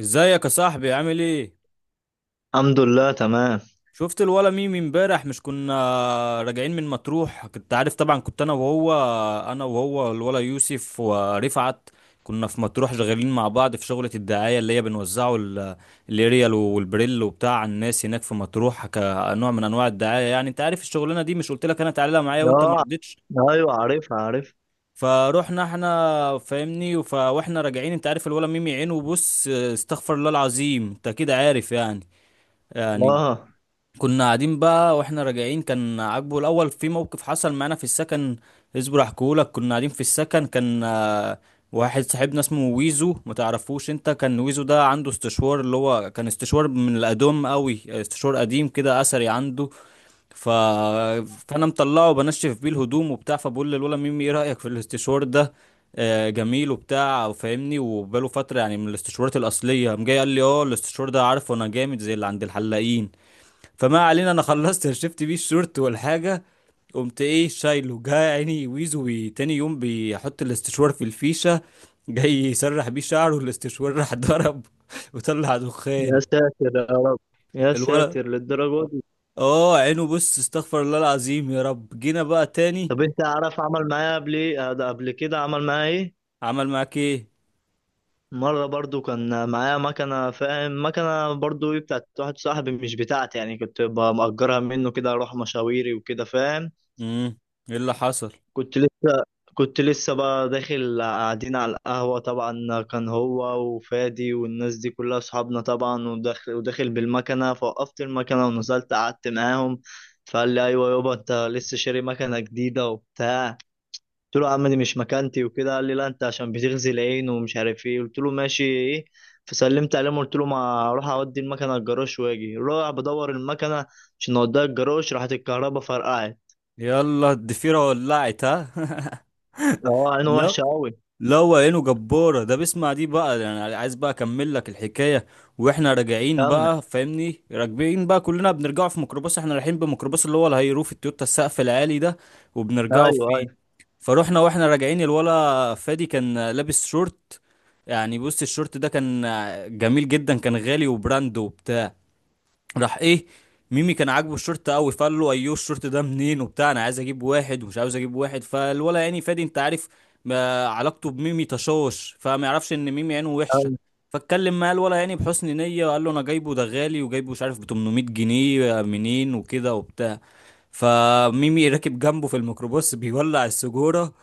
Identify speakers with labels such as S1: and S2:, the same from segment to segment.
S1: ازيك يا صاحبي؟ عامل ايه؟
S2: الحمد لله تمام.
S1: شفت الولا ميمي امبارح؟ مش كنا راجعين من مطروح، كنت عارف طبعا. كنت انا وهو، الولا يوسف ورفعت، كنا في مطروح شغالين مع بعض في شغلة الدعاية اللي هي بنوزعه الاريال والبريل وبتاع على الناس هناك في مطروح، كنوع من انواع الدعاية. يعني انت عارف الشغلانة دي، مش قلت لك انا تعالى معايا وانت ما
S2: اه.
S1: رضيتش؟
S2: ايوه، عارفها، عارف.
S1: فروحنا احنا، فاهمني، واحنا راجعين، انت عارف الولا ميمي عينه بص، استغفر الله العظيم، انت كده عارف يعني. يعني
S2: اه.
S1: كنا قاعدين بقى واحنا راجعين، كان عاجبه الاول. في موقف حصل معانا في السكن، اصبر احكيهولك. كنا قاعدين في السكن، كان واحد صاحبنا اسمه ويزو، ما تعرفوش انت. كان ويزو ده عنده استشوار، اللي هو كان استشوار من القديم قوي، استشوار قديم كده، اثري عنده. ف... فانا مطلعه بنشف بيه الهدوم وبتاع، فبقول للولا ميمي: ايه رايك في الاستشوار ده؟ جميل وبتاع وفاهمني، وبقاله فتره يعني من الاستشوارات الاصليه. قام جاي قال لي: اه الاستشوار ده، عارفه انا جامد زي اللي عند الحلاقين. فما علينا، انا خلصت شفت بيه الشورت والحاجه. قمت ايه شايله، جه عيني ويزو تاني يوم بيحط الاستشوار في الفيشه، جاي يسرح بيه شعره، الاستشوار راح ضرب وطلع
S2: يا
S1: دخان.
S2: ساتر يا رب. يا
S1: الولد،
S2: ساتر للدرجه دي.
S1: اه عينه بص، استغفر الله العظيم، يا رب. جينا بقى تاني.
S2: طب انت عارف عمل معايا قبل ايه؟ ده قبل كده عمل معايا ايه؟
S1: عمل معاك ايه؟
S2: مره برضو كان معايا مكنه، فاهم؟ مكنه برضو ايه، بتاعت واحد صاحبي، مش بتاعتي يعني. كنت بأجرها منه كده اروح مشاويري وكده، فاهم؟
S1: امم، ايه اللي حصل؟
S2: كنت لسه كنت لسه بقى داخل، قاعدين على القهوة. طبعا كان هو وفادي والناس دي كلها أصحابنا. طبعا وداخل بالمكنة فوقفت المكنة ونزلت قعدت معاهم. فقال لي أيوة يابا، أنت لسه شاري مكنة جديدة وبتاع. قلت له يا عم دي مش مكانتي وكده. قال لي لا، أنت عشان بتغزي العين ومش عارف إيه. قلت له ماشي إيه. فسلمت عليهم قلت له ما أروح أودي المكنة الجراج وأجي. رايح بدور المكنة عشان أوديها الجراج، راحت الكهرباء فرقعت.
S1: يلا الضفيره ولعت، ها؟
S2: أه عينه وحشة
S1: لا،
S2: أوي.
S1: لا هو عينه جبارة، ده بيسمع دي بقى. يعني عايز بقى اكمل لك الحكاية. واحنا راجعين
S2: كمل.
S1: بقى، فاهمني، راكبين بقى كلنا، بنرجعوا في ميكروباص، احنا رايحين بميكروباص اللي هو الهيروف التويوتا، السقف العالي ده، وبنرجعوا
S2: ايوه،
S1: فيه.
S2: ايوه،
S1: فروحنا واحنا راجعين، الولا فادي كان لابس شورت. يعني بص الشورت ده كان جميل جدا، كان غالي وبراند وبتاع. راح ايه، ميمي كان عاجبه الشورت قوي، فقال له: ايوه الشورت ده منين وبتاع، انا عايز اجيب واحد ومش عاوز اجيب واحد. فالولا يعني فادي، انت عارف ما علاقته بميمي، تشوش، فما يعرفش ان ميمي عينه وحشه.
S2: ايوه.
S1: فاتكلم معاه الولا، يعني بحسن نيه، وقال له: انا جايبه ده غالي، وجايبه مش عارف ب 800 جنيه، منين وكده وبتاع. فميمي راكب جنبه في الميكروباص، بيولع السجاره،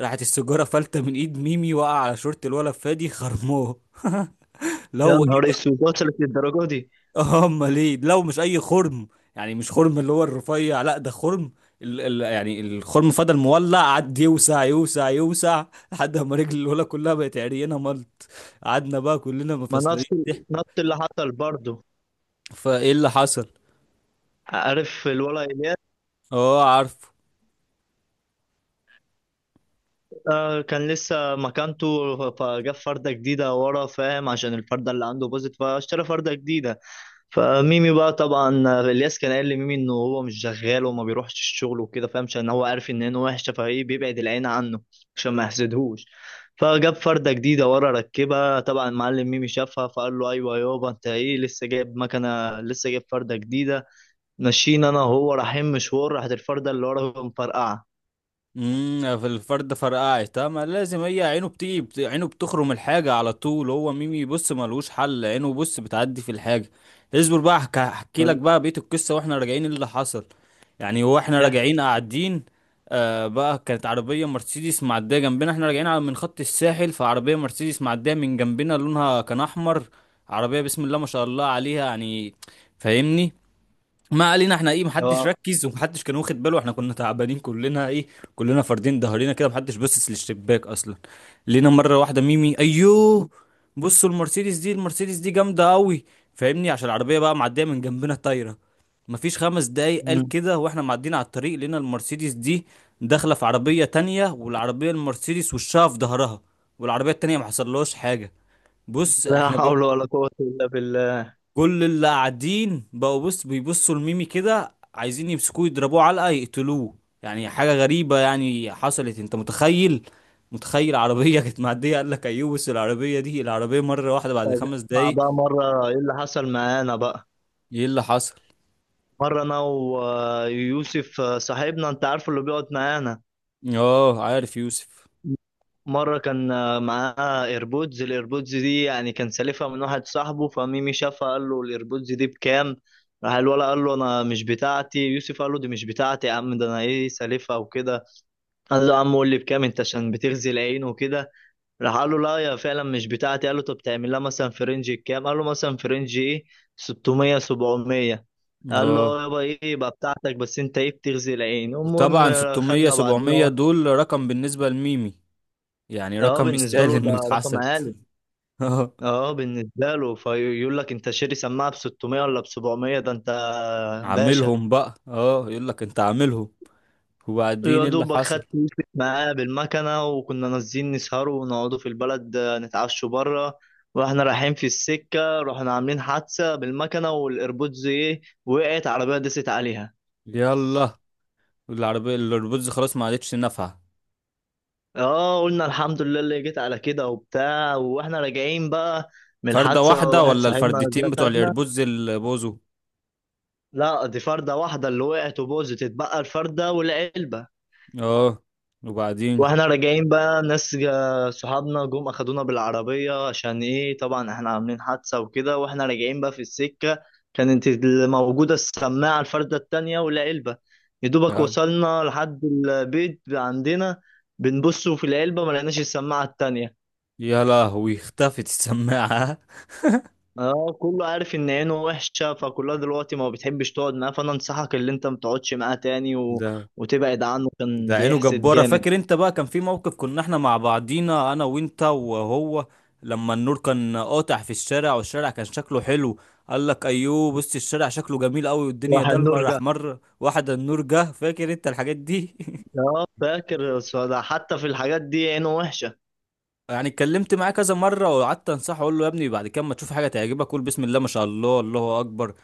S1: راحت السجاره فلته من ايد ميمي، وقع على شورت الولا فادي، خرموه
S2: يا
S1: لو،
S2: نهار اسود، وصلت للدرجه دي.
S1: اه امال ايه؟ لو مش اي خرم، يعني مش خرم اللي هو الرفيع، لا ده خرم ال يعني الخرم فضل مولع، قعد يوسع يوسع يوسع، لحد ما رجل الولا كلها بقت عريانه ملط. قعدنا بقى كلنا
S2: ما
S1: مفصلين
S2: نفس
S1: ضحك.
S2: نفس اللي حصل برضه.
S1: فايه اللي حصل؟
S2: عارف الولد إيه؟
S1: اه عارف.
S2: كان لسه مكانته فجاب فردة جديدة ورا، فاهم؟ عشان الفردة اللي عنده باظت فاشترى فردة جديدة. فميمي بقى طبعا الياس كان قال لميمي انه هو مش شغال وما بيروحش الشغل وكده، فاهم؟ عشان هو عارف ان عينه وحشة فايه بيبعد العين عنه عشان ما يحسدهوش. فجاب فردة جديدة ورا ركبها. طبعا معلم ميمي شافها فقال له ايوه يابا، انت ايه لسه جايب مكنة لسه جايب فردة جديدة. ماشيين انا وهو رايحين مشوار، راحت الفردة اللي ورا مفرقعة.
S1: امم، في الفرد فرقعت. ما لازم، هي عينه بتيجي عينه بتخرم الحاجة على طول. هو ميمي بص ملوش حل، عينه بص بتعدي في الحاجة. اصبر بقى، هحكي لك بقى بقية القصة، واحنا راجعين اللي حصل. يعني هو احنا
S2: ايه
S1: راجعين قاعدين، آه بقى، كانت عربية مرسيدس معدية جنبنا، احنا راجعين على من خط الساحل، فعربية مرسيدس معدية من جنبنا، لونها كان احمر، عربية بسم الله ما شاء الله عليها يعني، فاهمني. ما علينا، احنا ايه، محدش
S2: هو!
S1: ركز ومحدش كان واخد باله، احنا كنا تعبانين كلنا، ايه، كلنا فاردين ظهرنا كده، محدش باصص للشباك اصلا. لقينا مره واحده ميمي: ايوه بصوا المرسيدس دي، المرسيدس دي جامده قوي. فاهمني، عشان العربيه بقى معديه من جنبنا طايره. مفيش 5 دقايق قال كده، واحنا معديين على الطريق، لقينا المرسيدس دي داخله في عربيه تانية، والعربيه المرسيدس وشها في ظهرها، والعربيه التانية ما حصلهاش حاجه. بص
S2: لا
S1: احنا
S2: حول ولا قوة إلا بالله.
S1: كل اللي قاعدين بقوا بص بيبصوا لميمي كده، عايزين يمسكوه يضربوه علقة يقتلوه. يعني حاجة غريبة يعني حصلت، انت متخيل؟ متخيل عربية كانت معدية، قال لك ايوه بس العربية دي، العربية مرة واحدة بعد
S2: طب
S1: خمس
S2: اسمع
S1: دقايق
S2: بقى، مرة إيه اللي حصل معانا بقى.
S1: ايه اللي حصل؟
S2: مرة أنا ويوسف صاحبنا أنت عارفه اللي بيقعد معانا.
S1: اه عارف يوسف.
S2: مرة كان معاه إيربودز. الإيربودز دي يعني كان سالفها من واحد صاحبه. فميمي شافها قال له الإيربودز دي بكام؟ راح الولا قال له أنا مش بتاعتي يوسف، قال له دي مش بتاعتي يا عم، ده أنا إيه سالفها وكده. قال له يا عم قول لي بكام أنت عشان بتغزي العين وكده. راح قال له لا يا فعلا مش بتاعتي. قال له طب تعمل لها مثلا في رينج كام؟ قال له مثلا في رينج ايه، 600 700. قال له
S1: اه
S2: اه يابا، ايه يبقى بتاعتك، بس انت ايه بتغزي العين. المهم
S1: وطبعا 600
S2: خدنا بعدين.
S1: 700 دول رقم بالنسبة لميمي، يعني
S2: اه
S1: رقم
S2: بالنسبه له
S1: يستاهل
S2: ده
S1: انه
S2: رقم
S1: يتحسد.
S2: عالي.
S1: اه.
S2: اه بالنسبه له فيقول لك انت شاري سماعه ب 600 ولا ب 700، ده انت باشا.
S1: عاملهم بقى، اه يقول لك انت عاملهم. وبعدين
S2: يا
S1: إيه اللي
S2: دوبك خدت
S1: حصل؟
S2: يوسف معاه بالمكنة، وكنا نازلين نسهروا ونقعدوا في البلد نتعشوا بره. واحنا رايحين في السكة رحنا عاملين حادثة بالمكنة، والايربودز ايه وقعت عربية دست عليها.
S1: يلا، العربية، الايربودز خلاص ما عادتش نافعة.
S2: اه، قلنا الحمد لله اللي جيت على كده وبتاع. واحنا راجعين بقى من
S1: فردة
S2: الحادثة
S1: واحدة
S2: واحد
S1: ولا
S2: صاحبنا
S1: الفردتين
S2: جه
S1: بتوع
S2: خدنا.
S1: الايربودز اللي بوظوا؟
S2: لا، دي فردة واحدة اللي وقعت وبوظت، اتبقى الفردة والعلبة.
S1: اه، وبعدين؟
S2: واحنا راجعين بقى صحابنا جم اخدونا بالعربية عشان ايه. طبعا احنا عاملين حادثة وكده، واحنا راجعين بقى في السكة كانت اللي موجودة السماعة الفردة التانية ولا علبة. يدوبك
S1: آه.
S2: وصلنا لحد البيت عندنا. بنبص في العلبة ما لقيناش السماعة التانية.
S1: يا لهوي، اختفت السماعة.
S2: اه كله عارف ان عينه وحشة، فكلها دلوقتي ما بتحبش تقعد معاه. فانا انصحك اللي انت ما تقعدش معاه تاني و...
S1: ده
S2: وتبعد عنه، كان
S1: ده عينه
S2: بيحسد
S1: جبارة.
S2: جامد.
S1: فاكر انت بقى؟ كان في موقف كنا احنا مع بعضينا انا وانت وهو، لما النور كان قاطع في الشارع، والشارع كان شكله حلو، قال لك: ايوه بص الشارع شكله جميل قوي، والدنيا
S2: راح
S1: ضلمه،
S2: النور.
S1: راح مره واحدة النور جه. فاكر انت الحاجات دي؟
S2: اه فاكر، بس ده حتى في الحاجات دي عينه وحشة.
S1: يعني اتكلمت معاه كذا مرة، وقعدت انصحه، اقول له: يا ابني بعد كده ما تشوف حاجة تعجبك قول بسم الله ما شاء الله، الله اكبر.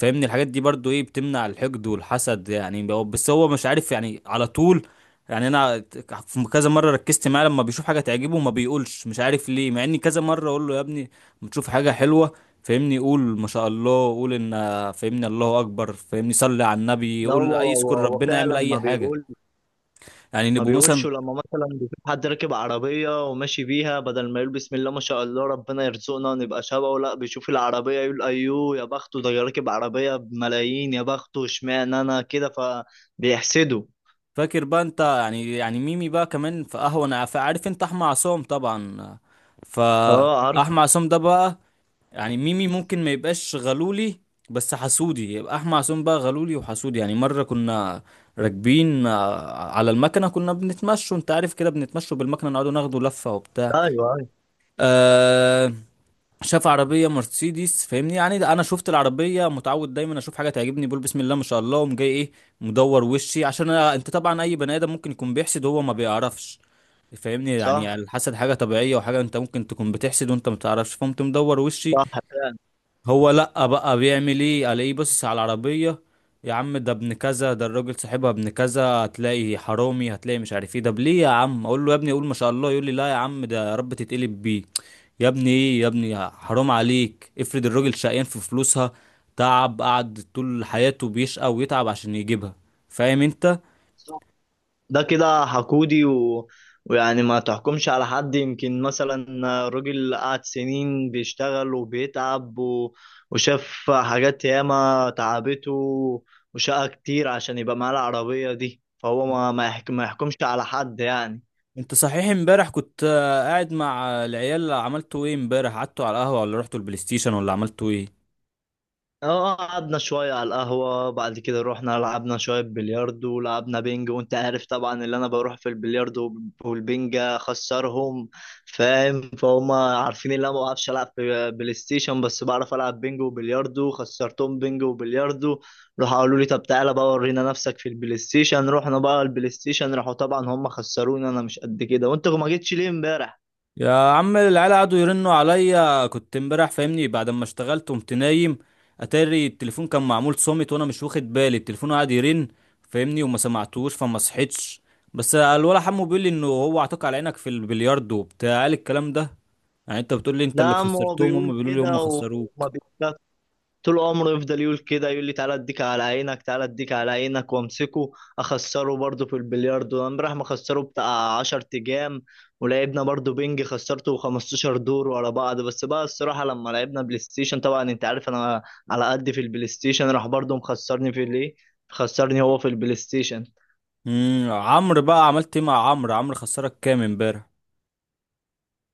S1: فاهمني، الحاجات دي برضو ايه بتمنع الحقد والحسد. يعني هو- بس هو مش عارف يعني على طول. يعني انا في كذا مرة ركزت معاه، لما بيشوف حاجة تعجبه ما بيقولش، مش عارف ليه، مع اني كذا مرة اقول له: يا ابني ما تشوف حاجة حلوة، فاهمني، قول ما شاء الله، قول ان، فاهمني، الله اكبر، فاهمني، صلي على النبي،
S2: لا
S1: قول
S2: هو
S1: اي،
S2: هو
S1: اذكر
S2: هو
S1: ربنا، يعمل
S2: فعلا
S1: اي حاجة. يعني
S2: ما
S1: نبقوا مثلا.
S2: بيقولش لما مثلا بيشوف حد راكب عربية وماشي بيها، بدل ما يقول بسم الله ما شاء الله ربنا يرزقنا نبقى شبهه، لا بيشوف العربية يقول أيوه يا بخته، ده راكب عربية بملايين، يا بخته اشمعنى أنا كده، فبيحسده.
S1: فاكر بقى انت؟ يعني ميمي بقى كمان في قهوة. انا، عارف انت احمد عصام طبعا؟
S2: اه عارف.
S1: فاحمد عصام ده بقى، يعني ميمي ممكن ما يبقاش غلولي بس حسودي، يبقى احمد عصام بقى غلولي وحسودي. يعني مرة كنا راكبين على المكنة، كنا بنتمشوا، انت عارف كده، بنتمشوا بالمكنة، نقعدوا ناخدوا لفة وبتاع.
S2: ايوه، ايوه.
S1: أه، شاف عربية مرسيدس، فاهمني. يعني ده انا شفت العربية، متعود دايما اشوف حاجة تعجبني بقول بسم الله ما شاء الله، وقوم جاي ايه، مدور وشي عشان أنا، انت طبعا اي بني ادم ممكن يكون بيحسد وهو ما بيعرفش. فاهمني، يعني
S2: صح،
S1: الحسد حاجة طبيعية، وحاجة انت ممكن تكون بتحسد وانت ما تعرفش، فقمت مدور وشي.
S2: صح، فعلا.
S1: هو لأ بقى بيعمل ايه؟ على ايه؟ بص على العربية، يا عم ده ابن كذا، ده الراجل صاحبها ابن كذا، هتلاقي حرامي، هتلاقي مش عارف ايه. ده ليه يا عم؟ اقول له يا ابني اقول ما شاء الله، يقول لي: لا يا عم ده يا رب تتقلب بيه. يا ابني ايه؟ يا ابني حرام عليك، افرض الراجل شقيان في فلوسها، تعب، قعد طول حياته بيشقى ويتعب عشان يجيبها. فاهم انت؟
S2: ده كده حقودي و... ويعني ما تحكمش على حد. يمكن مثلا راجل قعد سنين بيشتغل وبيتعب و... وشاف حاجات ياما تعبته، وشقى كتير عشان يبقى معاه العربية دي. فهو ما يحكمش على حد يعني.
S1: انت صحيح امبارح كنت قاعد مع العيال، عملتوا ايه امبارح؟ قعدتوا على القهوة ولا رحتوا البلاي ستيشن ولا عملتوا ايه؟
S2: اه، اه، قعدنا شوية على القهوة. بعد كده رحنا لعبنا شوية بلياردو ولعبنا بينج. وانت عارف طبعا اللي انا بروح في البلياردو والبينج اخسرهم، فاهم؟ فهم عارفين ان انا ما بعرفش العب في بلاي ستيشن، بس بعرف العب بينج وبلياردو. خسرتهم بينج وبلياردو. راحوا قالوا لي طب تعالى بقى ورينا نفسك في البلاي ستيشن. رحنا بقى البلاي ستيشن، راحوا طبعا هم خسروني، انا مش قد كده. وانت ما جيتش ليه امبارح؟
S1: يا عم العيال قعدوا يرنوا عليا، كنت امبارح، فاهمني، بعد ما اشتغلت قمت نايم. اتاري التليفون كان معمول صامت، وانا مش واخد بالي، التليفون قعد يرن، فاهمني، وما سمعتوش فما صحيتش. بس الولا حمو بيقول لي انه هو عطاك على عينك في البلياردو وبتاع، قال الكلام ده. يعني انت بتقول لي انت اللي
S2: لا، ما هو
S1: خسرتهم، هم
S2: بيقول
S1: بيقولوا لي
S2: كده.
S1: هم
S2: وما
S1: خسروك.
S2: طول عمره يفضل يقول كده، يقول لي تعالى اديك على عينك تعالى اديك على عينك وامسكه. اخسره برضه في البلياردو. انا راح مخسره بتاع 10 تجام. ولعبنا برضه بينج خسرته 15 دور ورا بعض. بس بقى الصراحة لما لعبنا بلاي ستيشن، طبعا انت عارف انا على قد في البلاي ستيشن، راح برضه مخسرني في الايه. خسرني هو في البلاي ستيشن.
S1: امم، عمرو بقى، عملت ايه مع عمرو؟ عمرو خسرك كام امبارح؟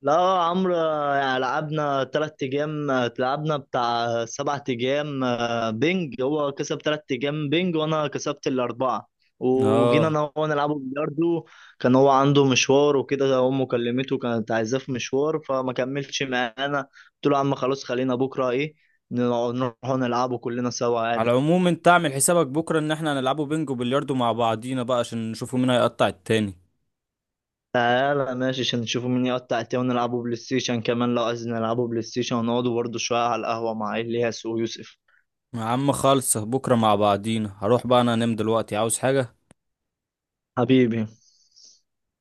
S2: لا يا عمرو، يعني لعبنا 3 أيام لعبنا بتاع 7 أيام بينج. هو كسب 3 أيام بينج وأنا كسبت الأربعة. وجينا
S1: اه.
S2: أنا وهو نلعبه بلياردو. كان هو عنده مشوار وكده، أمه كلمته كانت عايزاه في مشوار فما كملش معانا. قلت له يا عم خلاص، خلينا بكرة إيه نروحوا نلعبوا كلنا سوا
S1: على
S2: عادي.
S1: العموم، انت اعمل حسابك بكره ان احنا هنلعبوا بينجو بلياردو مع بعضينا بقى، عشان نشوفوا مين هيقطع التاني.
S2: تعالى ماشي، عشان نشوفوا مين يقطع التاني ونلعبوا بلاي ستيشن كمان لو عايزين. نلعبوا بلاي ستيشن ونقعدوا برضه شوية على القهوة مع إلياس ويوسف.
S1: يا عم خالص، بكرة مع بعضينا. هروح بقى انا انام دلوقتي، عاوز حاجة؟
S2: حبيبي.